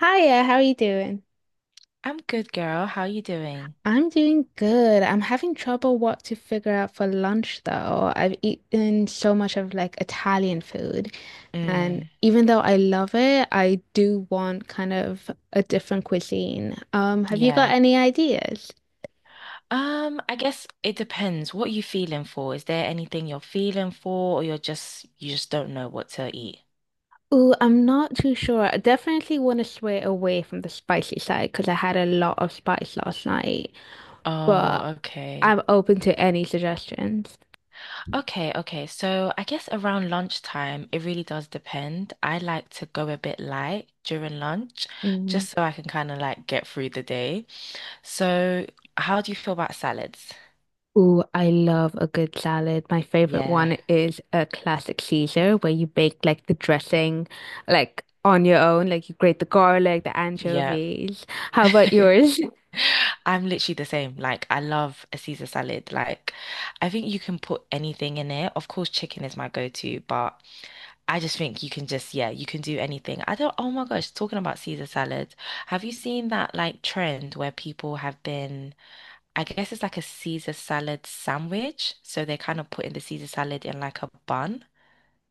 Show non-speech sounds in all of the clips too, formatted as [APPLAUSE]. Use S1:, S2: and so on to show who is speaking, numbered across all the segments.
S1: Hiya, how are you doing?
S2: I'm good, girl. How you doing?
S1: I'm doing good. I'm having trouble what to figure out for lunch though. I've eaten so much of like Italian food, and
S2: Mm,
S1: even though I love it, I do want kind of a different cuisine. Have you got
S2: yeah.
S1: any ideas?
S2: I guess it depends what you feeling for. Is there anything you're feeling for or you just don't know what to eat?
S1: Ooh, I'm not too sure. I definitely want to sway away from the spicy side because I had a lot of spice last night,
S2: Oh,
S1: but
S2: okay.
S1: I'm open to any suggestions.
S2: Okay, okay. So I guess around lunchtime, it really does depend. I like to go a bit light during lunch just so I can kind of like get through the day. So, how do you feel about salads?
S1: Ooh, I love a good salad. My favorite
S2: Yeah.
S1: one is a classic Caesar where you bake like the dressing like on your own, like you grate the garlic, the
S2: Yeah.
S1: anchovies. How
S2: [LAUGHS]
S1: about yours? [LAUGHS]
S2: I'm literally the same. Like, I love a Caesar salad. Like, I think you can put anything in it. Of course, chicken is my go-to, but I just think you can just, yeah, you can do anything. I don't, oh my gosh, talking about Caesar salad. Have you seen that like trend where people have I guess it's like a Caesar salad sandwich. So they're kind of putting the Caesar salad in like a bun.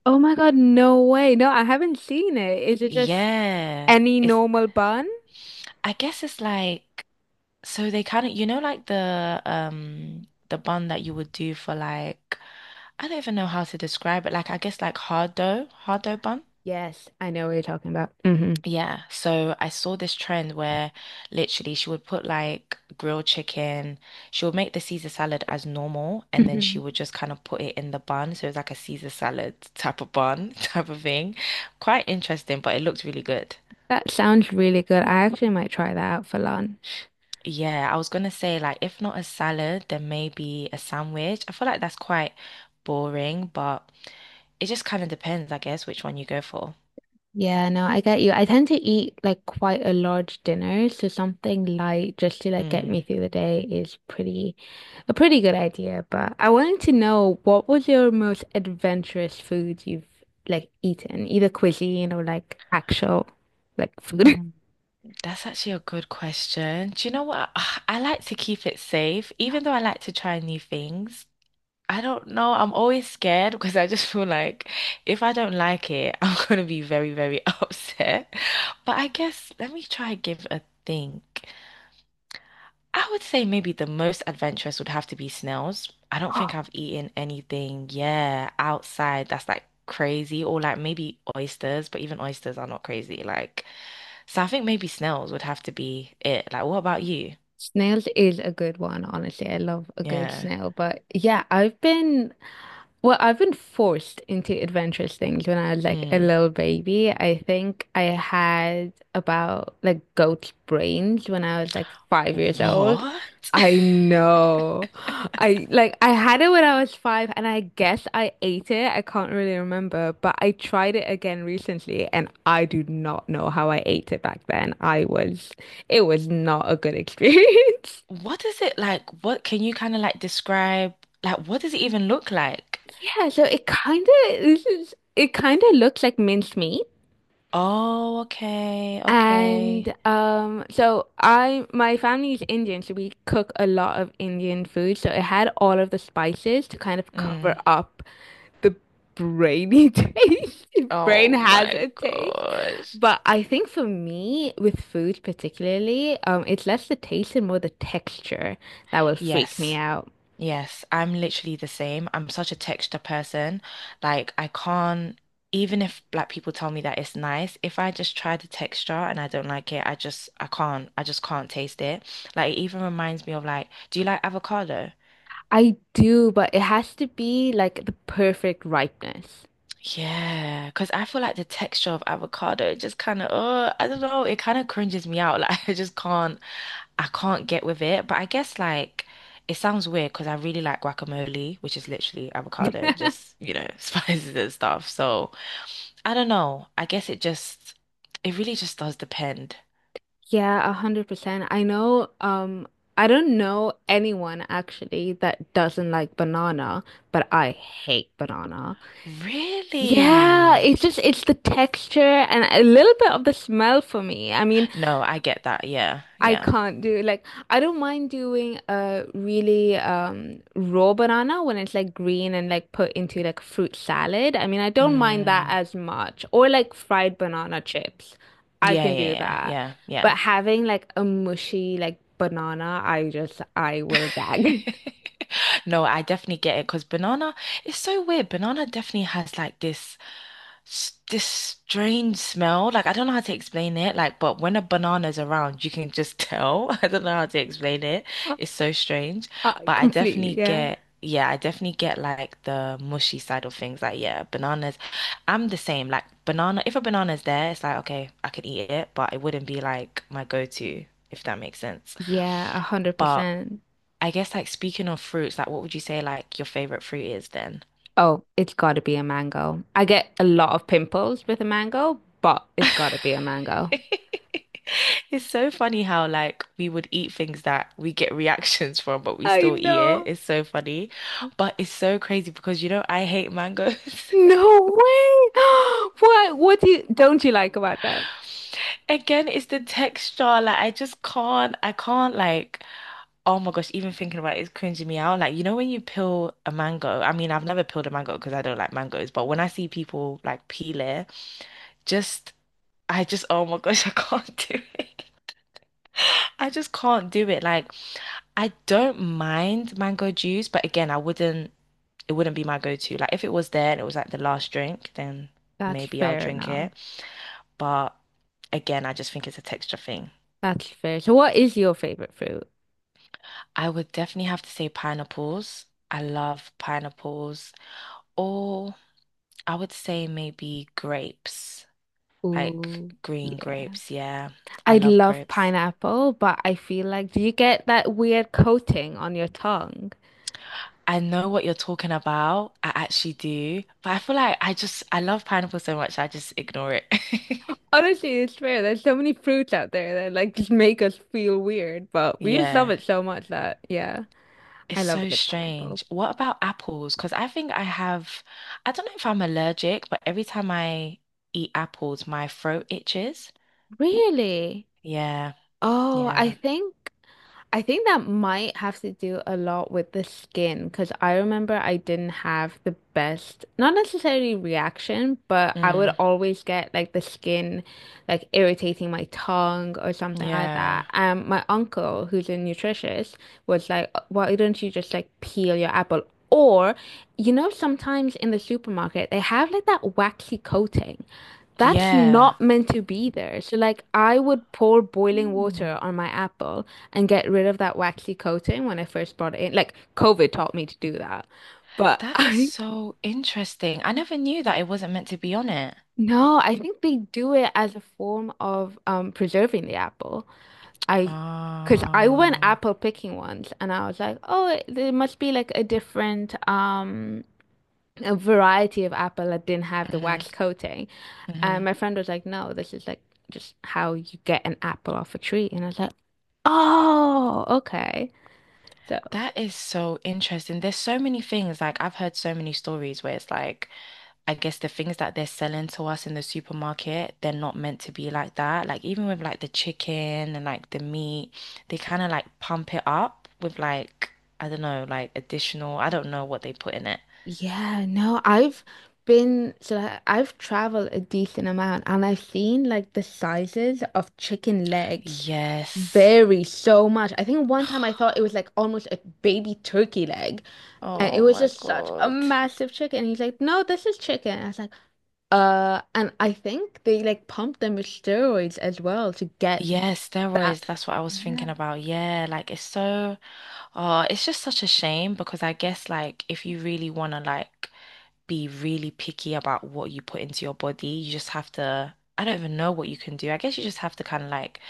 S1: Oh my God, no way. No, I haven't seen it. Is it just
S2: Yeah.
S1: any
S2: It's,
S1: normal bun?
S2: I guess it's like, so they kind of, you know, like the bun that you would do for like, I don't even know how to describe it. Like I guess like hard dough bun.
S1: Yes, I know what you're talking about. Hmm.
S2: Yeah. So I saw this trend where literally she would put like grilled chicken. She would make the Caesar salad as normal and then she
S1: Hmm.
S2: would just kind of put it in the bun. So it was like a Caesar salad type of bun [LAUGHS] type of thing. Quite interesting, but it looked really good.
S1: That sounds really good. I actually might try that out for lunch.
S2: Yeah, I was gonna say like if not a salad, then maybe a sandwich. I feel like that's quite boring, but it just kind of depends, I guess, which one you go for.
S1: Yeah, no, I get you. I tend to eat like quite a large dinner, so something light just to like get
S2: Mm.
S1: me through the day is pretty a pretty good idea. But I wanted to know what was your most adventurous food you've like eaten, either cuisine or like actual like food. [LAUGHS]
S2: Mm. That's actually a good question. Do you know what? [SIGHS] I like to keep it safe, even though I like to try new things. I don't know. I'm always scared [LAUGHS] because I just feel like if I don't like it, [LAUGHS] I'm gonna be very, very [LAUGHS] upset. But I guess let me try and give a think. I would say maybe the most adventurous would have to be snails. I don't think I've eaten anything, yeah, outside that's like crazy, or like maybe oysters, but even oysters are not crazy. Like, so I think maybe snails would have to be it. Like, what about you?
S1: Snails is a good one, honestly. I love a good
S2: Yeah.
S1: snail, but yeah, I've been Well, I've been forced into adventurous things when I was like a
S2: Mm.
S1: little baby. I think I had about like goat's brains when I was like 5 years old.
S2: What? [LAUGHS]
S1: I know. I had it when I was five and I guess I ate it. I can't really remember, but I tried it again recently and I do not know how I ate it back then. I was It was not a good experience. [LAUGHS]
S2: What is it like? What can you kind of like describe? Like, what does it even look like?
S1: Yeah, so it kind of looks like minced meat.
S2: Oh, okay,
S1: And
S2: okay.
S1: my family is Indian, so we cook a lot of Indian food. So it had all of the spices to kind of cover
S2: Mm.
S1: up the brainy [LAUGHS] taste. If Brain
S2: Oh
S1: has
S2: my
S1: a taste.
S2: gosh.
S1: But I think for me, with food particularly, it's less the taste and more the texture that will freak me
S2: Yes.
S1: out.
S2: Yes, I'm literally the same. I'm such a texture person. Like I can't, even if black people tell me that it's nice, if I just try the texture and I don't like it, I can't I just can't taste it. Like it even reminds me of like, do you like avocado?
S1: I do, but it has to be like the perfect ripeness.
S2: Yeah, because I feel like the texture of avocado just kind of, oh, I don't know, it kind of cringes me out. [LAUGHS] Like I can't get with it, but I guess like it sounds weird because I really like guacamole, which is literally avocado and just, you know, [LAUGHS] spices and stuff. So I don't know. It really just does depend.
S1: Yeah, 100%. I know, I don't know anyone actually that doesn't like banana, but I hate banana. Yeah,
S2: Really?
S1: it's just it's the texture and a little bit of the smell for me. I mean,
S2: No, I get that. Yeah,
S1: I
S2: yeah.
S1: can't do like I don't mind doing a really raw banana when it's like green and like put into like fruit salad. I mean, I don't mind that
S2: Mm,
S1: as much. Or like fried banana chips. I
S2: yeah,
S1: can do
S2: yeah,
S1: that.
S2: yeah, yeah,
S1: But having like a mushy like banana, I
S2: yeah. [LAUGHS]
S1: will gag.
S2: No, I definitely get it because it's so weird. Banana definitely has like this strange smell. Like I don't know how to explain it. Like, but when a banana's around, you can just tell. [LAUGHS] I don't know how to explain it. It's so strange.
S1: [LAUGHS] I
S2: But I
S1: completely,
S2: definitely
S1: yeah.
S2: get, yeah, I definitely get like the mushy side of things. Like, yeah, bananas. I'm the same. Like banana, if a banana's there, it's like, okay, I could eat it, but it wouldn't be like my go-to, if that makes sense.
S1: Yeah, a hundred
S2: But
S1: percent.
S2: I guess like speaking of fruits, like what would you say like your favorite fruit is then?
S1: Oh, it's gotta be a mango. I get a lot of pimples with a mango, but it's gotta be a mango.
S2: [LAUGHS] It's so funny how like we would eat things that we get reactions [LAUGHS] from, but we
S1: I
S2: still eat it.
S1: know.
S2: It's so funny. But it's so crazy because you know I hate mangoes.
S1: No way. [GASPS] What do you don't you like about them?
S2: [LAUGHS] Again, it's the texture. Like I can't like, oh my gosh, even thinking about it is cringing me out. Like, you know when you peel a mango, I mean I've never peeled a mango because I don't like mangoes, but when I see people like peel it, just I just oh my gosh, [LAUGHS] I can't do it. I just can't do it. Like, I don't mind mango juice, but again, I wouldn't, it wouldn't be my go-to. Like, if it was there and it was like the last drink, then
S1: That's
S2: maybe I'll
S1: fair
S2: drink
S1: enough.
S2: it. But again, I just think it's a texture thing.
S1: That's fair. So what is your favorite fruit?
S2: I would definitely have to say pineapples. I love pineapples. Or I would say maybe grapes, like
S1: Ooh,
S2: green
S1: yeah.
S2: grapes. Yeah, I
S1: I
S2: love
S1: love
S2: grapes.
S1: pineapple, but I feel like do you get that weird coating on your tongue?
S2: I know what you're talking about. I actually do. But I feel like I just I love pineapple so much I just ignore it. [LAUGHS]
S1: Honestly, it's fair. There's so many fruits out there that like just make us feel weird, but we just love
S2: Yeah.
S1: it so much that yeah,
S2: It's
S1: I love a
S2: so
S1: good pineapple.
S2: strange. What about apples? Because I think I don't know if I'm allergic, but every time I eat apples, my throat itches.
S1: Really?
S2: Yeah.
S1: Oh, I
S2: Yeah.
S1: think. I think that might have to do a lot with the skin because I remember I didn't have the best, not necessarily reaction, but I would
S2: Mm.
S1: always get like the skin like irritating my tongue or something like that.
S2: Yeah.
S1: And my uncle, who's a nutritionist, was like, why don't you just like peel your apple? Or, you know, sometimes in the supermarket, they have like that waxy coating. That's
S2: Yeah.
S1: not meant to be there. So, like, I would pour boiling water
S2: Mm.
S1: on my apple and get rid of that waxy coating when I first brought it in. Like, COVID taught me to do that. But [LAUGHS]
S2: That is
S1: I,
S2: so interesting. I never knew that it wasn't meant to be on it.
S1: No, I think they do it as a form of preserving the apple. I, because I went
S2: Oh.
S1: apple picking once and I was like, oh, there must be like a different a variety of apple that didn't have the
S2: Mm-hmm.
S1: wax coating.
S2: Mm-hmm.
S1: And my friend was like, no, this is like just how you get an apple off a tree. And I was like, oh, okay. So
S2: That is so interesting. There's so many things, like I've heard so many stories where it's like, I guess the things that they're selling to us in the supermarket, they're not meant to be like that. Like even with like the chicken and like the meat, they kind of like pump it up with like, I don't know, like additional, I don't know what they put in it.
S1: yeah, no, I've been so I- I've traveled a decent amount and I've seen like the sizes of chicken legs
S2: Yes.
S1: vary so much. I think one time I
S2: [SIGHS]
S1: thought it was like almost a baby turkey leg and it
S2: Oh
S1: was
S2: my
S1: just such a
S2: God.
S1: massive chicken. And he's like, no, this is chicken. I was like, And I think they like pumped them with steroids as well to get
S2: Yeah,
S1: that.
S2: steroids, that's what I was thinking about. Yeah, like it's so, it's just such a shame because I guess like if you really want to like be really picky about what you put into your body. You just have to, I don't even know what you can do. I guess you just have to kind of like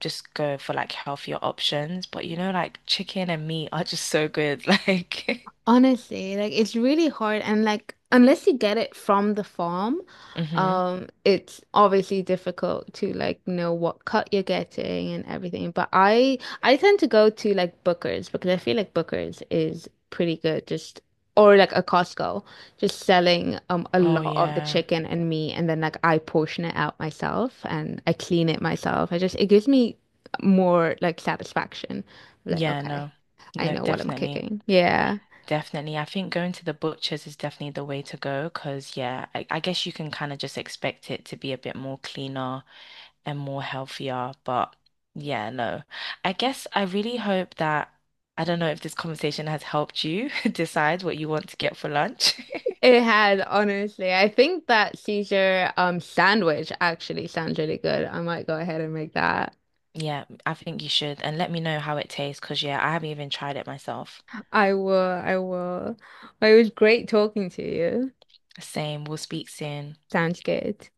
S2: just go for like healthier options. But you know, like chicken and meat are just so good. [LAUGHS] Like,
S1: Honestly, like it's really hard and like unless you get it from the farm,
S2: hmm.
S1: it's obviously difficult to like know what cut you're getting and everything. But I tend to go to like Booker's because I feel like Booker's is pretty good just or like a Costco, just selling a
S2: Oh,
S1: lot of the
S2: yeah.
S1: chicken and meat and then like I portion it out myself and I clean it myself. I just It gives me more like satisfaction. Like,
S2: Yeah,
S1: okay,
S2: no.
S1: I
S2: No,
S1: know what I'm
S2: definitely.
S1: kicking. Yeah.
S2: Definitely. I think going to the butchers is definitely the way to go because, yeah, I guess you can kind of just expect it to be a bit more cleaner and more healthier. But yeah, no. I guess I really hope that I don't know if this conversation has helped you [LAUGHS] decide what you want to get for lunch. [LAUGHS]
S1: It had, honestly. I think that Caesar sandwich actually sounds really good. I might go ahead and make that.
S2: Yeah, I think you should. And let me know how it tastes because, yeah, I haven't even tried it myself.
S1: I will. Well, it was great talking to you.
S2: Same. We'll speak soon.
S1: Sounds good.